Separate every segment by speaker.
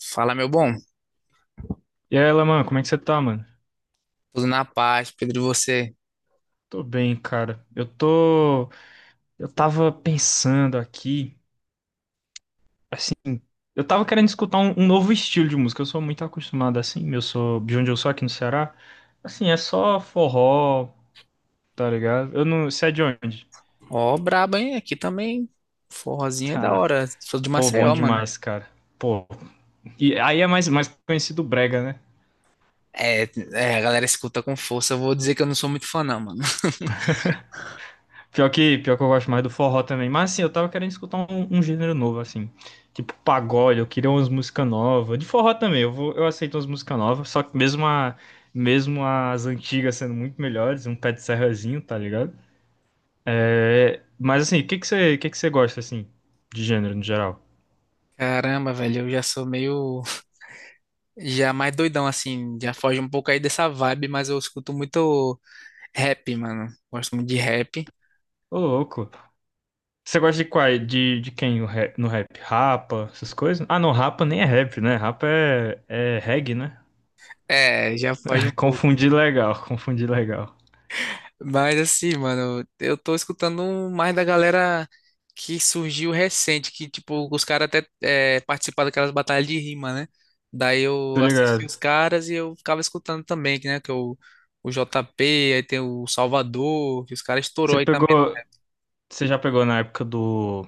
Speaker 1: Fala, meu bom.
Speaker 2: E aí, Laman, como é que você tá, mano?
Speaker 1: Tudo na paz, Pedro, e você?
Speaker 2: Tô bem, cara. Eu tô. Eu tava pensando aqui, assim. Eu tava querendo escutar um novo estilo de música. Eu sou muito acostumado assim. Eu sou de onde eu sou aqui no Ceará. Assim, é só forró, tá ligado? Eu não. Você é de onde?
Speaker 1: Ó, brabo, hein? Aqui também. Forrozinho é da
Speaker 2: Tá.
Speaker 1: hora. Sou de
Speaker 2: Pô, bom
Speaker 1: Maceió, mano.
Speaker 2: demais, cara. Pô. E aí é mais conhecido brega, né?
Speaker 1: É, é, a galera escuta com força. Eu vou dizer que eu não sou muito fã, não, mano.
Speaker 2: Pior que eu gosto mais do forró também. Mas assim, eu tava querendo escutar um gênero novo, assim. Tipo pagode, eu queria umas músicas novas. De forró também, eu aceito umas músicas novas. Só que mesmo, mesmo as antigas sendo muito melhores, um pé de serrazinho, tá ligado? É, mas assim, o que que você gosta, assim, de gênero no geral?
Speaker 1: Caramba, velho, eu já sou meio. Já mais doidão, assim. Já foge um pouco aí dessa vibe, mas eu escuto muito rap, mano. Gosto muito de rap.
Speaker 2: Ô, louco. Você gosta de qual? De quem no rap? Rapa, essas coisas? Ah, não, rapa nem é rap, né? Rapa é, é reggae, né?
Speaker 1: É, já foge um pouco.
Speaker 2: Confundi legal, confundi legal.
Speaker 1: Mas assim, mano, eu tô escutando mais da galera que surgiu recente, que tipo, os caras até é, participaram daquelas batalhas de rima, né? Daí eu
Speaker 2: Tô
Speaker 1: assisti
Speaker 2: ligado.
Speaker 1: os caras e eu ficava escutando também, que, né? Que é o JP, aí tem o Salvador, que os caras estourou
Speaker 2: Você
Speaker 1: aí também.
Speaker 2: pegou. Você já pegou na época do.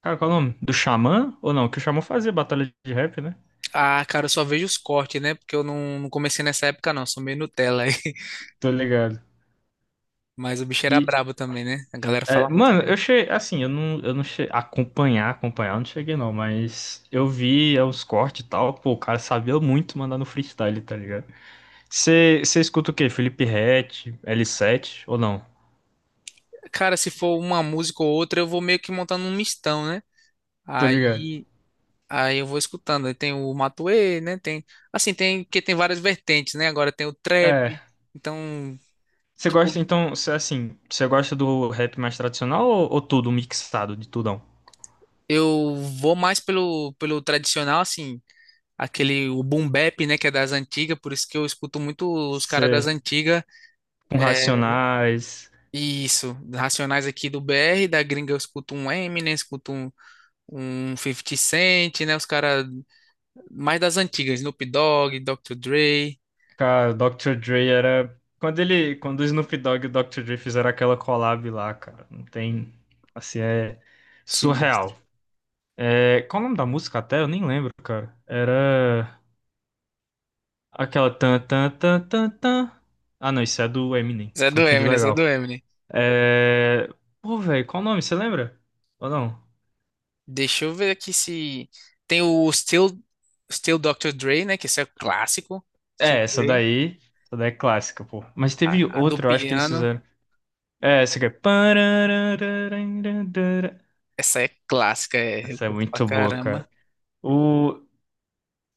Speaker 2: Cara, qual é o nome? Do Xamã? Ou não? Que o Xamã fazia batalha de rap, né?
Speaker 1: Ah, cara, eu só vejo os cortes, né? Porque eu não comecei nessa época, não, sou meio Nutella aí.
Speaker 2: Tô ligado.
Speaker 1: Mas o bicho era
Speaker 2: E.
Speaker 1: brabo também, né? A galera
Speaker 2: É,
Speaker 1: fala muito
Speaker 2: mano,
Speaker 1: dele.
Speaker 2: eu cheguei. Assim, eu não cheguei. Acompanhar, eu não cheguei não, mas eu vi os cortes e tal. Pô, o cara sabia muito mandar no freestyle, tá ligado? Você escuta o quê? Felipe Ret, l Sete ou não?
Speaker 1: Cara, se for uma música ou outra, eu vou meio que montando um mistão, né?
Speaker 2: Tô ligado.
Speaker 1: Aí Aí eu vou escutando. Aí tem o Matuê, né? Tem, assim, tem que tem várias vertentes, né? Agora tem o trap.
Speaker 2: É.
Speaker 1: Então,
Speaker 2: Você
Speaker 1: tipo,
Speaker 2: gosta, então, cê, assim, você gosta do rap mais tradicional ou tudo mixado, de tudão?
Speaker 1: eu vou mais pelo tradicional, assim, aquele o boom bap, né, que é das antigas, por isso que eu escuto muito os caras das
Speaker 2: Você.
Speaker 1: antigas.
Speaker 2: Com
Speaker 1: É,
Speaker 2: Racionais.
Speaker 1: isso, Racionais aqui do BR, da gringa eu escuto um Eminem, escuto um 50 Cent, né? Os caras mais das antigas, Snoop Dogg, Dr. Dre,
Speaker 2: Cara, o Dr. Dre era. Quando ele. Quando o Snoop Dogg e o Dr. Dre fizeram aquela collab lá, cara. Não tem. Assim, é
Speaker 1: sinistro.
Speaker 2: surreal. É... Qual o nome da música até? Eu nem lembro, cara. Era. Aquela tan tan tan tan tan. Ah, não, isso é do Eminem.
Speaker 1: Zé do
Speaker 2: Confundi
Speaker 1: Eminem, Zé do
Speaker 2: legal.
Speaker 1: Eminem.
Speaker 2: É. Pô, velho, qual o nome? Você lembra? Ou não?
Speaker 1: Deixa eu ver aqui se. Tem o Still Dr. Dre, né? Que esse é o clássico. Still
Speaker 2: É, essa
Speaker 1: Dre.
Speaker 2: daí. Essa daí é clássica, pô. Mas teve
Speaker 1: A do
Speaker 2: outra, eu acho que eles
Speaker 1: piano.
Speaker 2: fizeram. É, essa aqui é. Pararararararara.
Speaker 1: Essa é clássica, é. Eu
Speaker 2: Essa é
Speaker 1: curto pra
Speaker 2: muito boa,
Speaker 1: caramba.
Speaker 2: cara. O...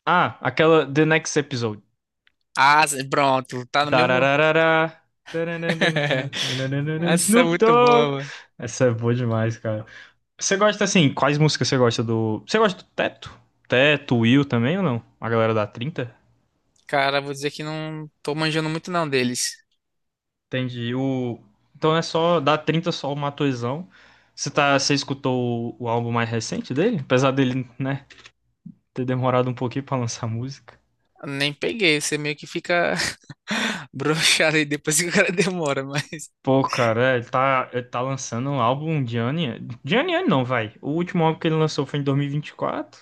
Speaker 2: Ah, aquela The Next Episode.
Speaker 1: Ah, pronto, tá no mesmo.
Speaker 2: Darararara. Taranandantantantantantantan.
Speaker 1: Essa é
Speaker 2: Snoop
Speaker 1: muito boa,
Speaker 2: Dogg.
Speaker 1: mano.
Speaker 2: Essa é boa demais, cara. Você gosta assim, quais músicas você gosta do. Você gosta do Teto? Teto, Will também ou não? A galera da trinta.
Speaker 1: Cara, vou dizer que não tô manjando muito não deles.
Speaker 2: Entendi. O... Então é só da 30 só o Matuezão. Você tá... você escutou o álbum mais recente dele? Apesar dele, né, ter demorado um pouquinho pra lançar música.
Speaker 1: Nem peguei, você meio que fica broxado aí depois que o cara demora, mas.
Speaker 2: Pô, cara, é, ele tá lançando um álbum de ano em ano. De ano em ano não, vai. O último álbum que ele lançou foi em 2024.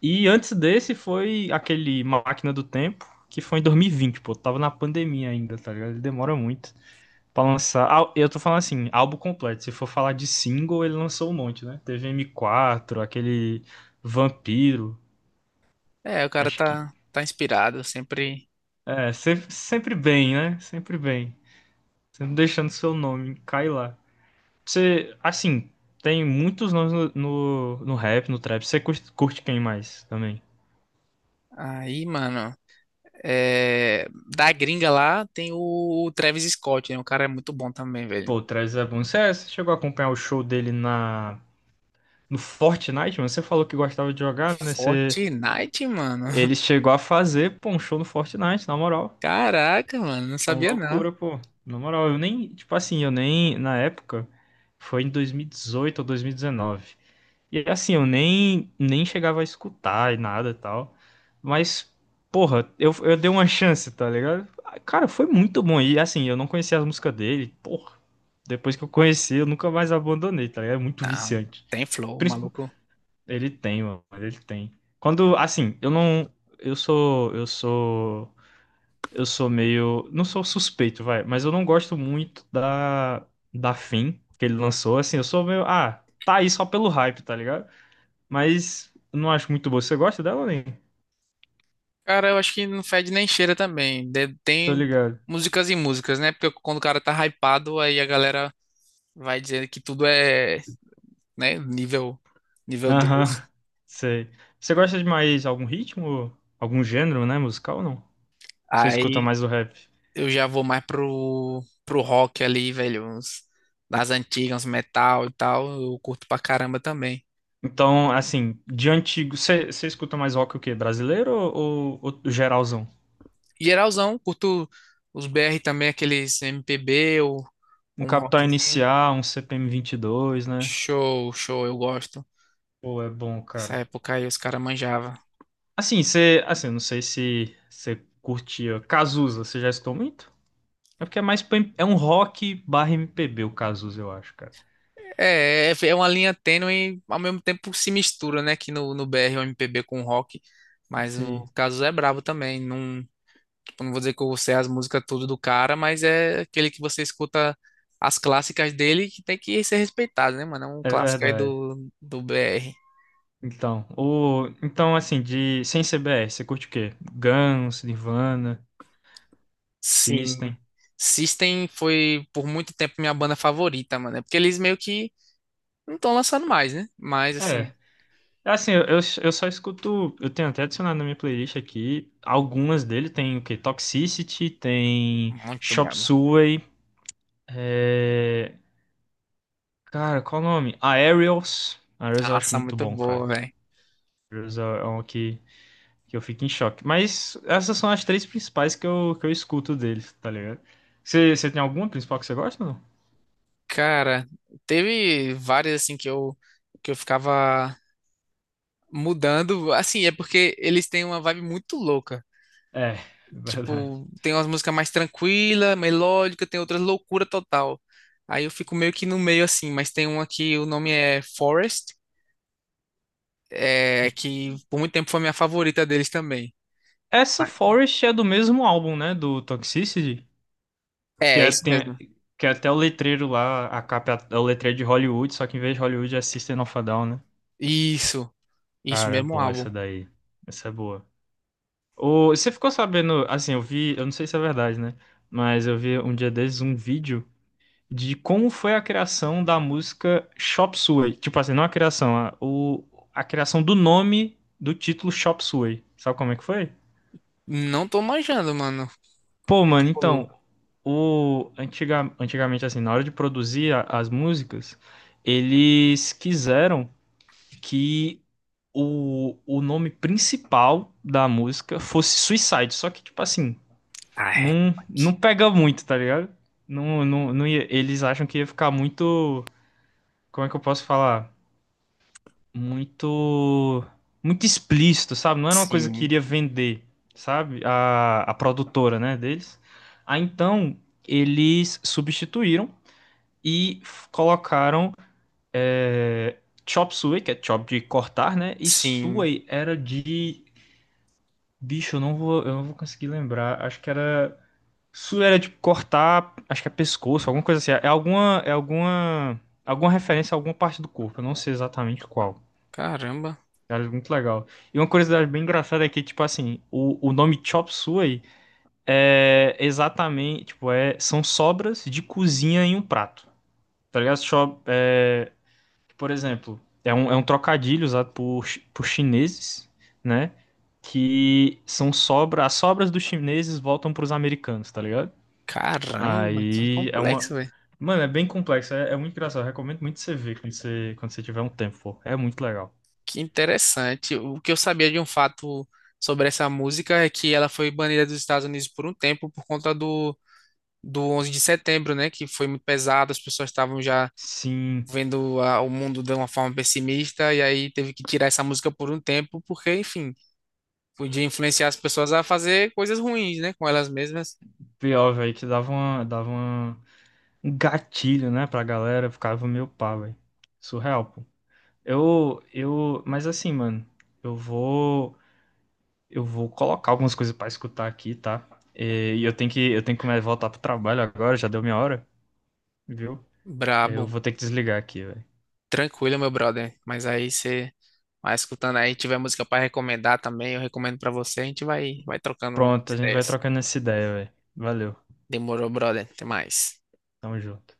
Speaker 2: E 24. E antes desse foi aquele Máquina do Tempo, que foi em 2020, pô. Tava na pandemia ainda, tá ligado? Ele demora muito pra lançar. Ah, eu tô falando assim, álbum completo. Se for falar de single, ele lançou um monte, né? Teve M4, aquele Vampiro.
Speaker 1: É, o cara
Speaker 2: Acho que.
Speaker 1: tá, tá inspirado sempre.
Speaker 2: É, sempre, sempre bem, né? Sempre bem. Sempre deixando seu nome cair lá. Você, assim, tem muitos nomes no rap, no trap. Você curte, curte quem mais também?
Speaker 1: Aí, mano. É, da gringa lá tem o Travis Scott, né? O cara é muito bom também, velho.
Speaker 2: Pô, o Travis é bom. Você, você chegou a acompanhar o show dele na, no Fortnite, mano? Você falou que gostava de jogar, né? Você,
Speaker 1: Fortnite, mano.
Speaker 2: ele chegou a fazer, pô, um show no Fortnite, na moral.
Speaker 1: Caraca, mano, não
Speaker 2: Uma
Speaker 1: sabia não.
Speaker 2: loucura, pô. Na moral, eu nem, tipo assim, eu nem, na época, foi em 2018 ou 2019. E assim, eu nem, nem chegava a escutar e nada e tal. Mas, porra, eu dei uma chance, tá ligado? Ah, cara, foi muito bom. E assim, eu não conhecia as músicas dele. Porra, depois que eu conheci, eu nunca mais abandonei, tá ligado? É muito
Speaker 1: Não,
Speaker 2: viciante.
Speaker 1: tem flow,
Speaker 2: Princip-
Speaker 1: maluco.
Speaker 2: Ele tem, mano, ele tem. Quando, assim, eu não. Eu sou. Eu sou. Eu sou meio. Não sou suspeito, vai. Mas eu não gosto muito da. Da Fim que ele lançou. Assim, eu sou meio. Ah, tá aí só pelo hype, tá ligado? Mas eu não acho muito boa. Você gosta dela, nem?
Speaker 1: Cara, eu acho que não fede nem cheira também. De-
Speaker 2: Tô
Speaker 1: tem
Speaker 2: ligado.
Speaker 1: músicas e músicas, né? Porque quando o cara tá hypado, aí a galera vai dizer que tudo é, né, nível, nível
Speaker 2: Aham,
Speaker 1: Deus.
Speaker 2: sei. Você gosta de mais algum ritmo? Algum gênero, né? Musical ou não? Você escuta
Speaker 1: Aí
Speaker 2: mais o rap?
Speaker 1: eu já vou mais pro rock ali, velho. Uns, das antigas, uns metal e tal. Eu curto pra caramba também.
Speaker 2: Então, assim, de antigo. Você escuta mais rock o quê? Brasileiro ou geralzão?
Speaker 1: Geralzão, curto os BR também, aqueles MPB ou
Speaker 2: Um
Speaker 1: ou um
Speaker 2: Capital
Speaker 1: rockzinho.
Speaker 2: Inicial, um CPM dois, né?
Speaker 1: Show, show, eu gosto.
Speaker 2: Pô, é bom,
Speaker 1: Nessa
Speaker 2: cara.
Speaker 1: época aí os caras manjavam.
Speaker 2: Assim, você. Assim, eu não sei se você curtia. Cazuza, você já escutou muito? É porque é mais. É um rock barra MPB o Cazuza, eu acho, cara.
Speaker 1: É, é uma linha tênue, ao mesmo tempo se mistura, né? Que no, no BR o MPB com o rock. Mas o
Speaker 2: Sim.
Speaker 1: Cazuza é brabo também. Não, tipo, não vou dizer que eu sei as músicas tudo do cara, mas é aquele que você escuta as clássicas dele que tem que ser respeitado, né, mano? É um
Speaker 2: É
Speaker 1: clássico aí
Speaker 2: verdade.
Speaker 1: do, do BR.
Speaker 2: Então, o... então assim, de sem C B CBR, você curte o quê? Guns, Nirvana,
Speaker 1: Sim.
Speaker 2: System.
Speaker 1: System foi por muito tempo minha banda favorita, mano. É. Porque eles meio que não estão lançando mais, né? Mas assim,
Speaker 2: É. É assim, eu eu só escuto. Eu tenho até adicionado na minha playlist aqui. Algumas dele tem o quê? Toxicity, tem
Speaker 1: muito
Speaker 2: Chop
Speaker 1: braba.
Speaker 2: Suey. É... Cara, qual o nome? Aerials. Aerials eu acho
Speaker 1: Nossa,
Speaker 2: muito
Speaker 1: muito
Speaker 2: bom, cara.
Speaker 1: boa, velho.
Speaker 2: Aerials é é um que eu fico em choque. Mas essas são as três principais que que eu escuto deles, tá ligado? Você, você tem alguma principal que você gosta ou não?
Speaker 1: Cara, teve várias assim que eu ficava mudando. Assim, é porque eles têm uma vibe muito louca.
Speaker 2: É, verdade.
Speaker 1: Tipo, tem umas músicas mais tranquila, melódica, tem outras loucura total. Aí eu fico meio que no meio assim, mas tem uma que o nome é Forest, é que por muito tempo foi minha favorita deles também.
Speaker 2: Essa
Speaker 1: Ah,
Speaker 2: Forest é do mesmo álbum, né? Do Toxicity. Que
Speaker 1: é, é
Speaker 2: é,
Speaker 1: isso
Speaker 2: tem,
Speaker 1: mesmo.
Speaker 2: que é até o letreiro lá, a capa é o letreiro de Hollywood, só que em vez de Hollywood é System of a Down, né?
Speaker 1: Isso. Isso
Speaker 2: Cara, é
Speaker 1: mesmo,
Speaker 2: bom
Speaker 1: álbum.
Speaker 2: essa daí. Essa é boa. Ô, você ficou sabendo, assim, eu vi, eu não sei se é verdade, né? Mas eu vi um dia desses um vídeo de como foi a criação da música Chop Suey. Tipo assim, não a criação, a criação do nome do título Chop Suey. Sabe como é que foi?
Speaker 1: Não tô manjando, mano. O
Speaker 2: Pô,
Speaker 1: que que
Speaker 2: mano, então,
Speaker 1: rolou?
Speaker 2: o antigamente assim, na hora de produzir as músicas, eles quiseram que o nome principal da música fosse Suicide, só que tipo assim,
Speaker 1: Ah, é.
Speaker 2: não pega muito, tá ligado? Não, não, não eles acham que ia ficar muito, como é que eu posso falar? Muito muito explícito, sabe? Não era uma coisa que
Speaker 1: Sim.
Speaker 2: iria vender, sabe? A produtora, né, deles. Aí então eles substituíram e colocaram é, chop suey, que é chop de cortar, né? E
Speaker 1: Sim.
Speaker 2: suey era de bicho, eu não vou conseguir lembrar. Acho que era suey era de cortar, acho que é pescoço, alguma coisa assim. Alguma referência a alguma parte do corpo. Eu não sei exatamente qual.
Speaker 1: Caramba.
Speaker 2: Cara, muito legal. E uma curiosidade bem engraçada é que, tipo assim, o nome Chop Suey é exatamente, tipo, é, são sobras de cozinha em um prato. Tá ligado? Chop, é, por exemplo, é um trocadilho usado por, por chineses, né? Que são sobras, as sobras dos chineses voltam pros americanos, tá ligado?
Speaker 1: Caramba, que
Speaker 2: Aí é uma.
Speaker 1: complexo, velho.
Speaker 2: Mano, é bem complexo, é muito engraçado. Eu recomendo muito você ver quando você tiver um tempo, pô. É muito legal.
Speaker 1: Que interessante. O que eu sabia de um fato sobre essa música é que ela foi banida dos Estados Unidos por um tempo por conta do 11 de setembro, né? Que foi muito pesado, as pessoas estavam já
Speaker 2: Sim.
Speaker 1: vendo a- o mundo de uma forma pessimista, e aí teve que tirar essa música por um tempo, porque, enfim, podia influenciar as pessoas a fazer coisas ruins, né? Com elas mesmas.
Speaker 2: Pior, velho, que dava uma, um gatilho, né, pra galera, ficava meio pá, velho. Surreal, pô. Mas assim, mano, eu vou, eu vou colocar algumas coisas pra escutar aqui, tá? E eu tenho que começar a voltar pro trabalho agora, já deu minha hora, viu? Eu
Speaker 1: Brabo.
Speaker 2: vou ter que desligar aqui, velho.
Speaker 1: Tranquilo, meu brother. Mas aí você vai escutando aí, tiver música pra recomendar também, eu recomendo pra você, a gente vai trocando
Speaker 2: Pronto, a gente vai
Speaker 1: ideias.
Speaker 2: trocando essa ideia, velho. Valeu,
Speaker 1: Demorou, brother. Até mais.
Speaker 2: tamo junto.